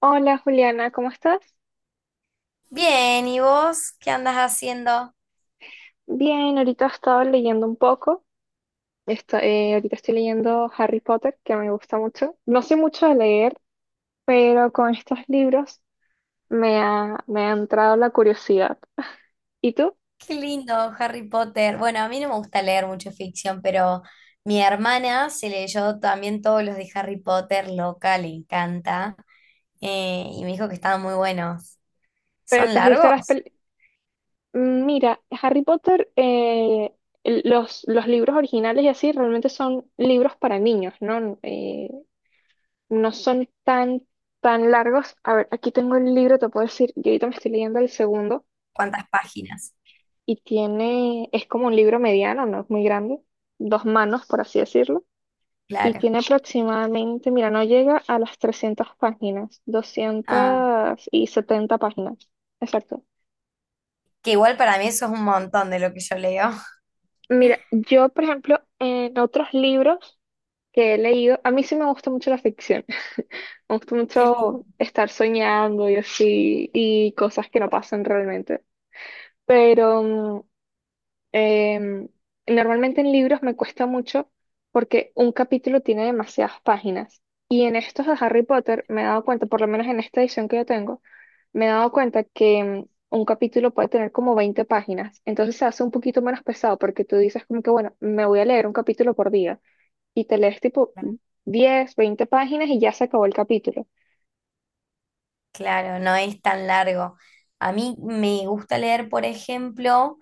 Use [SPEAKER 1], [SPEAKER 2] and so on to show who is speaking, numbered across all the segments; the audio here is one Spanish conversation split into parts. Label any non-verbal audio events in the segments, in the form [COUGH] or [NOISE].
[SPEAKER 1] Hola Juliana, ¿cómo estás?
[SPEAKER 2] Bien, ¿y vos qué andas haciendo?
[SPEAKER 1] Bien, ahorita he estado leyendo un poco. Ahorita estoy leyendo Harry Potter, que me gusta mucho. No sé mucho de leer, pero con estos libros me ha entrado la curiosidad. ¿Y tú?
[SPEAKER 2] Qué lindo, Harry Potter. Bueno, a mí no me gusta leer mucho ficción, pero mi hermana se leyó también todos los de Harry Potter, loca, le encanta, y me dijo que estaban muy buenos.
[SPEAKER 1] ¿Pero
[SPEAKER 2] ¿Son
[SPEAKER 1] te has visto las
[SPEAKER 2] largos?
[SPEAKER 1] pel- mira, Harry Potter, los libros originales y así realmente son libros para niños, ¿no? No son tan largos. A ver, aquí tengo el libro, te puedo decir, yo ahorita me estoy leyendo el segundo.
[SPEAKER 2] ¿Cuántas páginas?
[SPEAKER 1] Y tiene, es como un libro mediano, no es muy grande, dos manos, por así decirlo, y
[SPEAKER 2] Claro.
[SPEAKER 1] tiene aproximadamente, mira, no llega a las 300 páginas,
[SPEAKER 2] Ah,
[SPEAKER 1] 270 páginas, exacto.
[SPEAKER 2] que igual para mí eso es un montón de lo que yo leo. [LAUGHS]
[SPEAKER 1] Mira, yo, por ejemplo, en otros libros que he leído, a mí sí me gusta mucho la ficción, [LAUGHS] me gusta
[SPEAKER 2] Qué lindo.
[SPEAKER 1] mucho estar soñando y así, y cosas que no pasan realmente, pero Em, normalmente en libros me cuesta mucho porque un capítulo tiene demasiadas páginas. Y en estos de Harry Potter me he dado cuenta, por lo menos en esta edición que yo tengo, me he dado cuenta que un capítulo puede tener como 20 páginas. Entonces se hace un poquito menos pesado porque tú dices como que, bueno, me voy a leer un capítulo por día y te lees tipo 10 20 páginas y ya se acabó el capítulo.
[SPEAKER 2] Claro, no es tan largo. A mí me gusta leer, por ejemplo,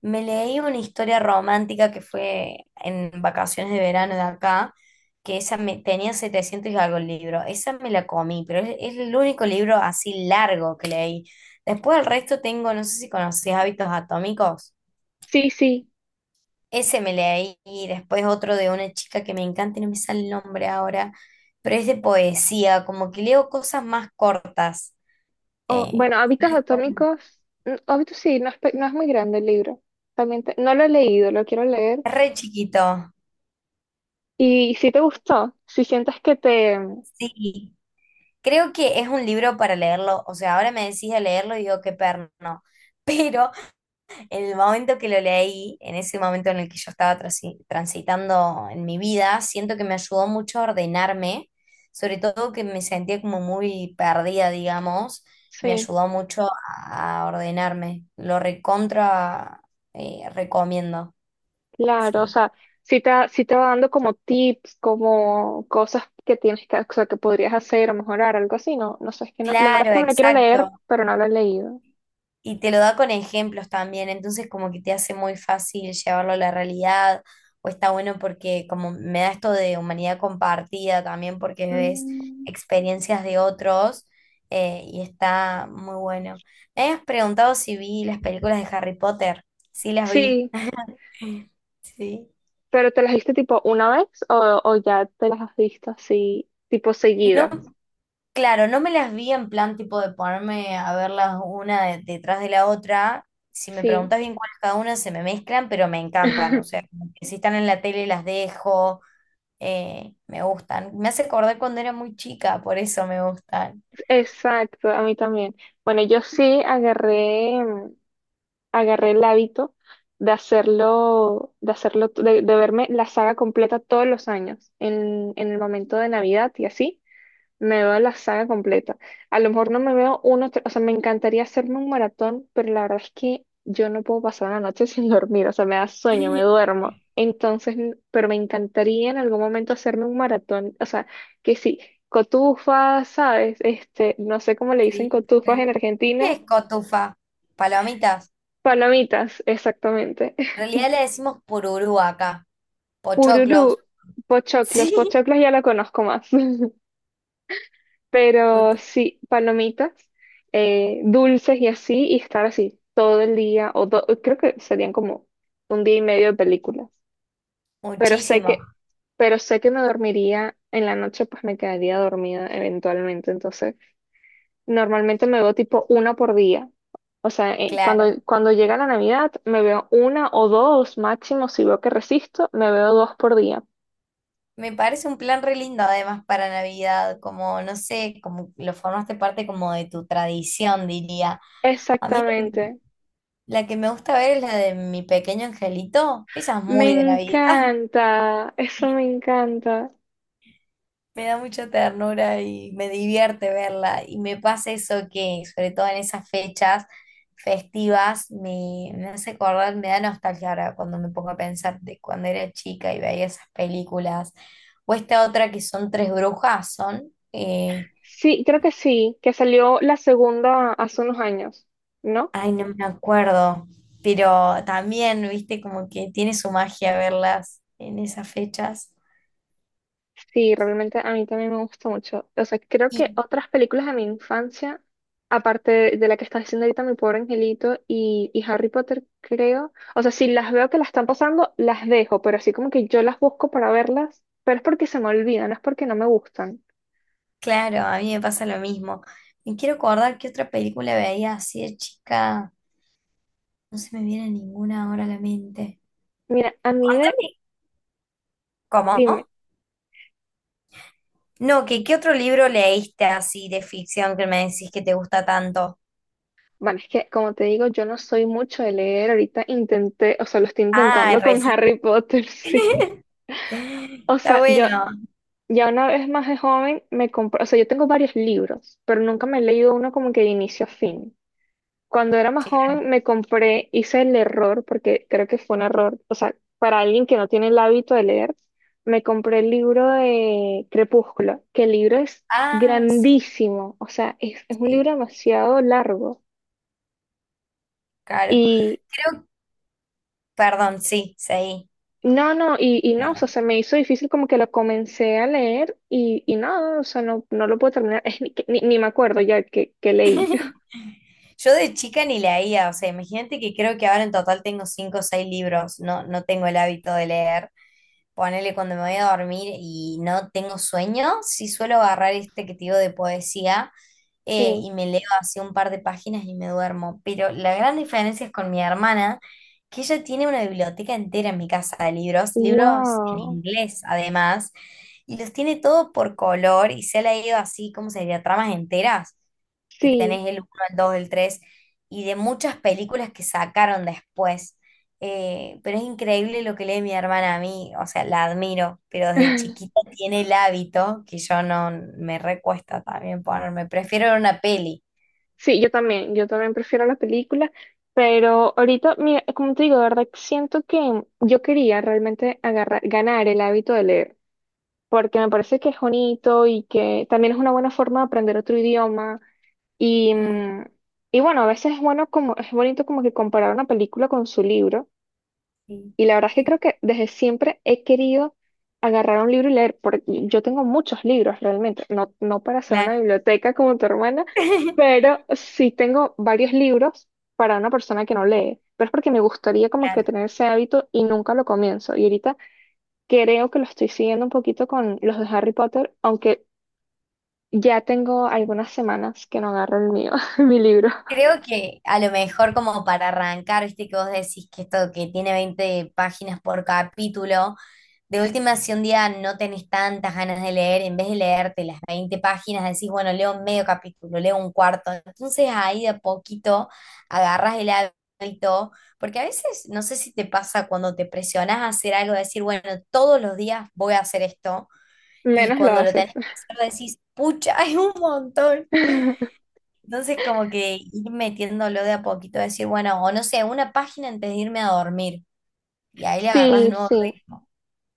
[SPEAKER 2] me leí una historia romántica que fue en vacaciones de verano de acá, que esa tenía 700 y algo el libro. Esa me la comí, pero es el único libro así largo que leí. Después el resto tengo, no sé si conoces Hábitos Atómicos.
[SPEAKER 1] Sí, sí.
[SPEAKER 2] Ese me leí y después otro de una chica que me encanta y no me sale el nombre ahora, pero es de poesía, como que leo cosas más cortas.
[SPEAKER 1] O,
[SPEAKER 2] Eh,
[SPEAKER 1] bueno, Hábitos Atómicos, Hábitos sí, no es, no es muy grande el libro. También no lo he leído, lo quiero leer.
[SPEAKER 2] Re chiquito,
[SPEAKER 1] Y si te gustó, si sientes que
[SPEAKER 2] sí. Creo que es un libro para leerlo. O sea, ahora me decís de leerlo y digo, qué perno. [LAUGHS] Pero en el momento que lo leí, en ese momento en el que yo estaba transitando en mi vida, siento que me ayudó mucho a ordenarme, sobre todo que me sentía como muy perdida, digamos. Me
[SPEAKER 1] sí,
[SPEAKER 2] ayudó mucho a ordenarme. Lo recontra, recomiendo,
[SPEAKER 1] claro, o
[SPEAKER 2] sí.
[SPEAKER 1] sea, si te va dando como tips, como cosas que tienes que, o sea, que podrías hacer o mejorar, algo así, no, no sé, es que no, la verdad es
[SPEAKER 2] Claro,
[SPEAKER 1] que me la quiero
[SPEAKER 2] exacto.
[SPEAKER 1] leer, pero no la he leído.
[SPEAKER 2] Y te lo da con ejemplos también, entonces como que te hace muy fácil llevarlo a la realidad, o está bueno porque como me da esto de humanidad compartida también porque ves
[SPEAKER 1] Mm,
[SPEAKER 2] experiencias de otros, y está muy bueno. Me habías preguntado si vi las películas de Harry Potter, sí las vi.
[SPEAKER 1] sí,
[SPEAKER 2] [LAUGHS] Sí.
[SPEAKER 1] pero ¿te las viste tipo una vez o ya te las has visto así, tipo
[SPEAKER 2] No,
[SPEAKER 1] seguidas?
[SPEAKER 2] claro, no me las vi en plan tipo de ponerme a verlas detrás de la otra. Si me
[SPEAKER 1] Sí,
[SPEAKER 2] preguntas bien cuál es cada una, se me mezclan, pero me encantan. O
[SPEAKER 1] [LAUGHS]
[SPEAKER 2] sea, como que si están en la tele las dejo, me gustan. Me hace acordar cuando era muy chica, por eso me gustan.
[SPEAKER 1] exacto, a mí también. Bueno, yo sí agarré el hábito de hacerlo, de verme la saga completa todos los años, en el momento de Navidad y así, me veo la saga completa. A lo mejor no me veo uno, o sea, me encantaría hacerme un maratón, pero la verdad es que yo no puedo pasar la noche [LAUGHS] sin dormir, o sea, me da sueño, me
[SPEAKER 2] [LAUGHS]
[SPEAKER 1] duermo. Entonces, pero me encantaría en algún momento hacerme un maratón, o sea, que sí, cotufas, ¿sabes? Este, no sé cómo le dicen
[SPEAKER 2] Sí,
[SPEAKER 1] cotufas en
[SPEAKER 2] sí. ¿Qué
[SPEAKER 1] Argentina.
[SPEAKER 2] es cotufa? Palomitas.
[SPEAKER 1] Palomitas, exactamente.
[SPEAKER 2] En realidad le decimos pururú acá. Pochoclos.
[SPEAKER 1] Pururú,
[SPEAKER 2] [LAUGHS]
[SPEAKER 1] pochoclos,
[SPEAKER 2] Sí,
[SPEAKER 1] pochoclos ya la conozco más, [LAUGHS] pero
[SPEAKER 2] cotu-
[SPEAKER 1] sí, palomitas, dulces y así, y estar así todo el día, creo que serían como un día y medio de películas, pero sé
[SPEAKER 2] muchísimo,
[SPEAKER 1] que, pero sé que me dormiría en la noche, pues me quedaría dormida eventualmente, entonces normalmente me veo tipo una por día, o sea,
[SPEAKER 2] claro.
[SPEAKER 1] cuando llega la Navidad me veo una o dos máximo, si veo que resisto, me veo dos por día.
[SPEAKER 2] Me parece un plan re lindo además para Navidad, como no sé, como lo formaste parte como de tu tradición, diría. A mí
[SPEAKER 1] Exactamente.
[SPEAKER 2] la que me gusta ver es la de mi pequeño angelito, esa es
[SPEAKER 1] Me
[SPEAKER 2] muy de Navidad. [LAUGHS]
[SPEAKER 1] encanta, eso me encanta.
[SPEAKER 2] Me da mucha ternura y me divierte verla. Y me pasa eso que, sobre todo en esas fechas festivas, me hace acordar, me da nostalgia ahora cuando me pongo a pensar de cuando era chica y veía esas películas. O esta otra que son tres brujas, son...
[SPEAKER 1] Sí, creo que sí, que salió la segunda hace unos años, ¿no?
[SPEAKER 2] ay, no me acuerdo, pero también, viste, como que tiene su magia verlas en esas fechas.
[SPEAKER 1] Sí, realmente a mí también me gusta mucho. O sea, creo que
[SPEAKER 2] Y
[SPEAKER 1] otras películas de mi infancia, aparte de la que está diciendo ahorita Mi Pobre Angelito y Harry Potter, creo. O sea, si las veo que las están pasando, las dejo, pero así como que yo las busco para verlas, pero es porque se me olvidan, no es porque no me gustan.
[SPEAKER 2] claro, a mí me pasa lo mismo. Me quiero acordar qué otra película veía así de chica. No se me viene ninguna ahora a la mente.
[SPEAKER 1] Mira, a mí
[SPEAKER 2] Contame, ¿cómo?
[SPEAKER 1] dime.
[SPEAKER 2] No, que qué otro libro leíste así de ficción que me decís que te gusta tanto.
[SPEAKER 1] Bueno, es que como te digo, yo no soy mucho de leer. Ahorita intenté, o sea, lo estoy
[SPEAKER 2] Ah,
[SPEAKER 1] intentando con
[SPEAKER 2] recién.
[SPEAKER 1] Harry Potter, [LAUGHS] sí.
[SPEAKER 2] [LAUGHS]
[SPEAKER 1] O
[SPEAKER 2] Está
[SPEAKER 1] sea, yo
[SPEAKER 2] bueno.
[SPEAKER 1] ya una vez más de joven me compré, o sea, yo tengo varios libros, pero nunca me he leído uno como que de inicio a fin. Cuando era más
[SPEAKER 2] Claro.
[SPEAKER 1] joven me compré, hice el error, porque creo que fue un error, o sea, para alguien que no tiene el hábito de leer, me compré el libro de Crepúsculo, que el libro es
[SPEAKER 2] Ah, sí,
[SPEAKER 1] grandísimo, o sea, es un
[SPEAKER 2] sí.
[SPEAKER 1] libro demasiado largo.
[SPEAKER 2] Claro.
[SPEAKER 1] Y
[SPEAKER 2] Creo, perdón, sí, seguí.
[SPEAKER 1] no, no, y no, o sea,
[SPEAKER 2] Perdón.
[SPEAKER 1] se me hizo difícil como que lo comencé a leer y no, o sea, no, no lo puedo terminar, [LAUGHS] es ni me acuerdo ya que leí. [LAUGHS]
[SPEAKER 2] [LAUGHS] Yo de chica ni leía, o sea, imagínate que creo que ahora en total tengo cinco o seis libros, no, no tengo el hábito de leer. Ponele cuando me voy a dormir y no tengo sueño, sí suelo agarrar este que te digo de poesía,
[SPEAKER 1] Sí.
[SPEAKER 2] y me leo así un par de páginas y me duermo. Pero la gran diferencia es con mi hermana, que ella tiene una biblioteca entera en mi casa de libros, libros en
[SPEAKER 1] Wow.
[SPEAKER 2] inglés además, y los tiene todo por color y se ha leído así, ¿cómo sería? Tramas enteras, que
[SPEAKER 1] Sí.
[SPEAKER 2] tenés el uno el 2 el 3 y de muchas películas que sacaron después. Pero es increíble lo que lee mi hermana a mí, o sea, la admiro, pero desde chiquita
[SPEAKER 1] [LAUGHS]
[SPEAKER 2] tiene el hábito que yo no me recuesta también ponerme, prefiero ver una peli.
[SPEAKER 1] Sí, yo también prefiero la película, pero ahorita, mira, como te digo, de verdad que siento que yo quería realmente agarrar, ganar el hábito de leer, porque me parece que es bonito y que también es una buena forma de aprender otro idioma, Y,
[SPEAKER 2] Mm,
[SPEAKER 1] mm, y bueno, a veces es bueno como, es bonito como que comparar una película con su libro.
[SPEAKER 2] sí,
[SPEAKER 1] Y la verdad es que creo que desde siempre he querido agarrar un libro y leer, porque yo tengo muchos libros realmente, no, no para hacer una
[SPEAKER 2] claro,
[SPEAKER 1] biblioteca como tu hermana,
[SPEAKER 2] [LAUGHS]
[SPEAKER 1] pero sí tengo varios libros para una persona que no lee. Pero es porque me gustaría como que
[SPEAKER 2] claro.
[SPEAKER 1] tener ese hábito y nunca lo comienzo. Y ahorita creo que lo estoy siguiendo un poquito con los de Harry Potter, aunque ya tengo algunas semanas que no agarro el mío, [LAUGHS] mi libro.
[SPEAKER 2] Creo que a lo mejor como para arrancar, viste que vos decís que esto que tiene 20 páginas por capítulo. De última, si un día no tenés tantas ganas de leer, en vez de leerte las 20 páginas, decís, bueno, leo medio capítulo, leo un cuarto. Entonces ahí de a poquito agarras el hábito, porque a veces, no sé si te pasa cuando te presionás a hacer algo, decir, bueno, todos los días voy a hacer esto, y
[SPEAKER 1] Menos lo
[SPEAKER 2] cuando lo
[SPEAKER 1] haces.
[SPEAKER 2] tenés que hacer decís, pucha, [LAUGHS] es un montón.
[SPEAKER 1] [LAUGHS]
[SPEAKER 2] Entonces como que ir metiéndolo de a poquito, decir, bueno, o no sé, una página antes de irme a dormir, y ahí le agarras de
[SPEAKER 1] Sí,
[SPEAKER 2] nuevo
[SPEAKER 1] sí,
[SPEAKER 2] ritmo.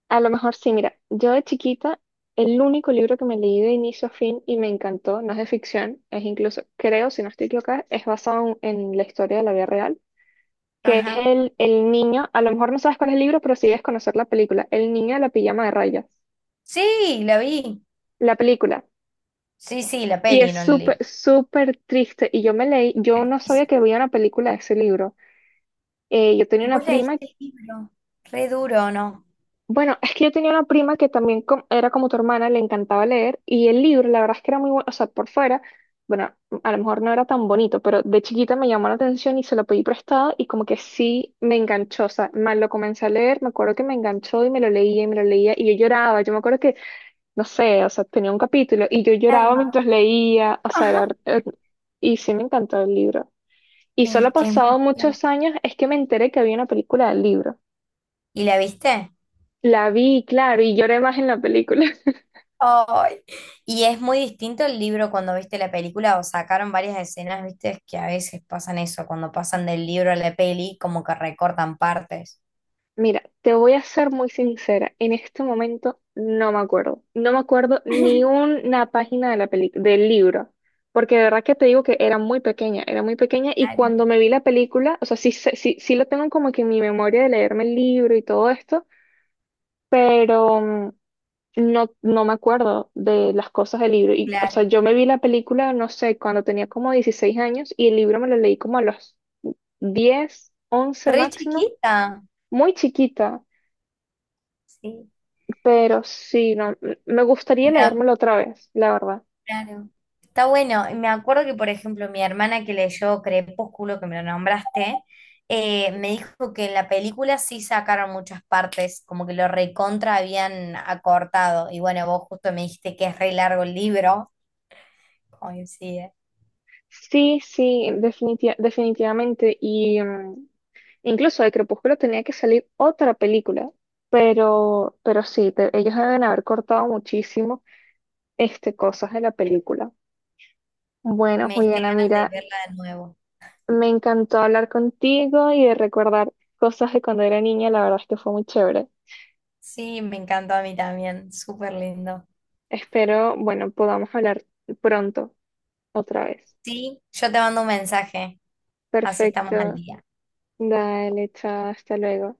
[SPEAKER 1] a lo mejor sí. Mira, yo de chiquita, el único libro que me leí de inicio a fin y me encantó, no es de ficción, es incluso, creo, si no estoy equivocada, es basado en, la historia de la vida real, que es
[SPEAKER 2] Ajá.
[SPEAKER 1] el niño, a lo mejor no sabes cuál es el libro, pero sí debes conocer la película, El niño de la pijama de rayas,
[SPEAKER 2] Sí, la vi.
[SPEAKER 1] la película.
[SPEAKER 2] Sí, sí, la
[SPEAKER 1] Y
[SPEAKER 2] peli,
[SPEAKER 1] es
[SPEAKER 2] no el libro.
[SPEAKER 1] súper, súper triste. Y yo me leí, yo no sabía que había una película de ese libro. Yo tenía
[SPEAKER 2] Vos
[SPEAKER 1] una
[SPEAKER 2] leíste
[SPEAKER 1] prima.
[SPEAKER 2] el libro, re duro, ¿no?
[SPEAKER 1] Bueno, es que yo tenía una prima que también era como tu hermana, le encantaba leer y el libro, la verdad es que era muy bueno, o sea, por fuera, bueno, a lo mejor no era tan bonito, pero de chiquita me llamó la atención y se lo pedí prestado y como que sí me enganchó, o sea, más lo comencé a leer, me acuerdo que me enganchó y me lo leía y me lo leía y yo lloraba, yo me acuerdo que, no sé, o sea, tenía un capítulo y yo lloraba
[SPEAKER 2] Alma.
[SPEAKER 1] mientras leía, o sea,
[SPEAKER 2] Ajá.
[SPEAKER 1] era, y sí me encantó el libro. Y solo
[SPEAKER 2] Es que es muy
[SPEAKER 1] pasado
[SPEAKER 2] fuerte.
[SPEAKER 1] muchos años es que me enteré que había una película del libro.
[SPEAKER 2] ¿Y la viste?
[SPEAKER 1] La vi, claro, y lloré más en la película.
[SPEAKER 2] Ay. Y es muy distinto el libro cuando viste la película, o sacaron varias escenas, viste, es que a veces pasan eso, cuando pasan del libro a la peli, como que recortan partes.
[SPEAKER 1] Mira, te voy a ser muy sincera. En este momento no me acuerdo. No me acuerdo ni
[SPEAKER 2] [LAUGHS]
[SPEAKER 1] una página de la del libro. Porque de verdad que te digo que era muy pequeña y
[SPEAKER 2] Claro,
[SPEAKER 1] cuando me vi la película, o sea, sí, sí, sí lo tengo como que en mi memoria de leerme el libro y todo esto, pero no, no me acuerdo de las cosas del libro. Y, o sea,
[SPEAKER 2] claro.
[SPEAKER 1] yo me vi la película, no sé, cuando tenía como 16 años y el libro me lo leí como a los 10, 11
[SPEAKER 2] Re
[SPEAKER 1] máximo,
[SPEAKER 2] chiquita.
[SPEAKER 1] muy chiquita.
[SPEAKER 2] Sí.
[SPEAKER 1] Pero sí, no, me gustaría
[SPEAKER 2] Me, a-
[SPEAKER 1] leérmelo otra vez, la verdad.
[SPEAKER 2] claro. Está bueno. Me acuerdo que, por ejemplo, mi hermana que leyó Crepúsculo, que me lo nombraste, me dijo que en la película sí sacaron muchas partes, como que lo recontra habían acortado. Y bueno, vos justo me dijiste que es re largo el libro. Coincide.
[SPEAKER 1] Sí, sí, definitivamente. Y incluso de Crepúsculo tenía que salir otra película, pero sí, ellos deben haber cortado muchísimo cosas de la película. Bueno,
[SPEAKER 2] Me diste
[SPEAKER 1] Juliana,
[SPEAKER 2] ganas de
[SPEAKER 1] mira,
[SPEAKER 2] verla de nuevo.
[SPEAKER 1] me encantó hablar contigo y de recordar cosas de cuando era niña, la verdad es que fue muy chévere.
[SPEAKER 2] Sí, me encantó a mí también. Súper lindo.
[SPEAKER 1] Espero, bueno, podamos hablar pronto otra vez.
[SPEAKER 2] Sí, yo te mando un mensaje. Así estamos al
[SPEAKER 1] Perfecto.
[SPEAKER 2] día.
[SPEAKER 1] Dale, chao, hasta luego.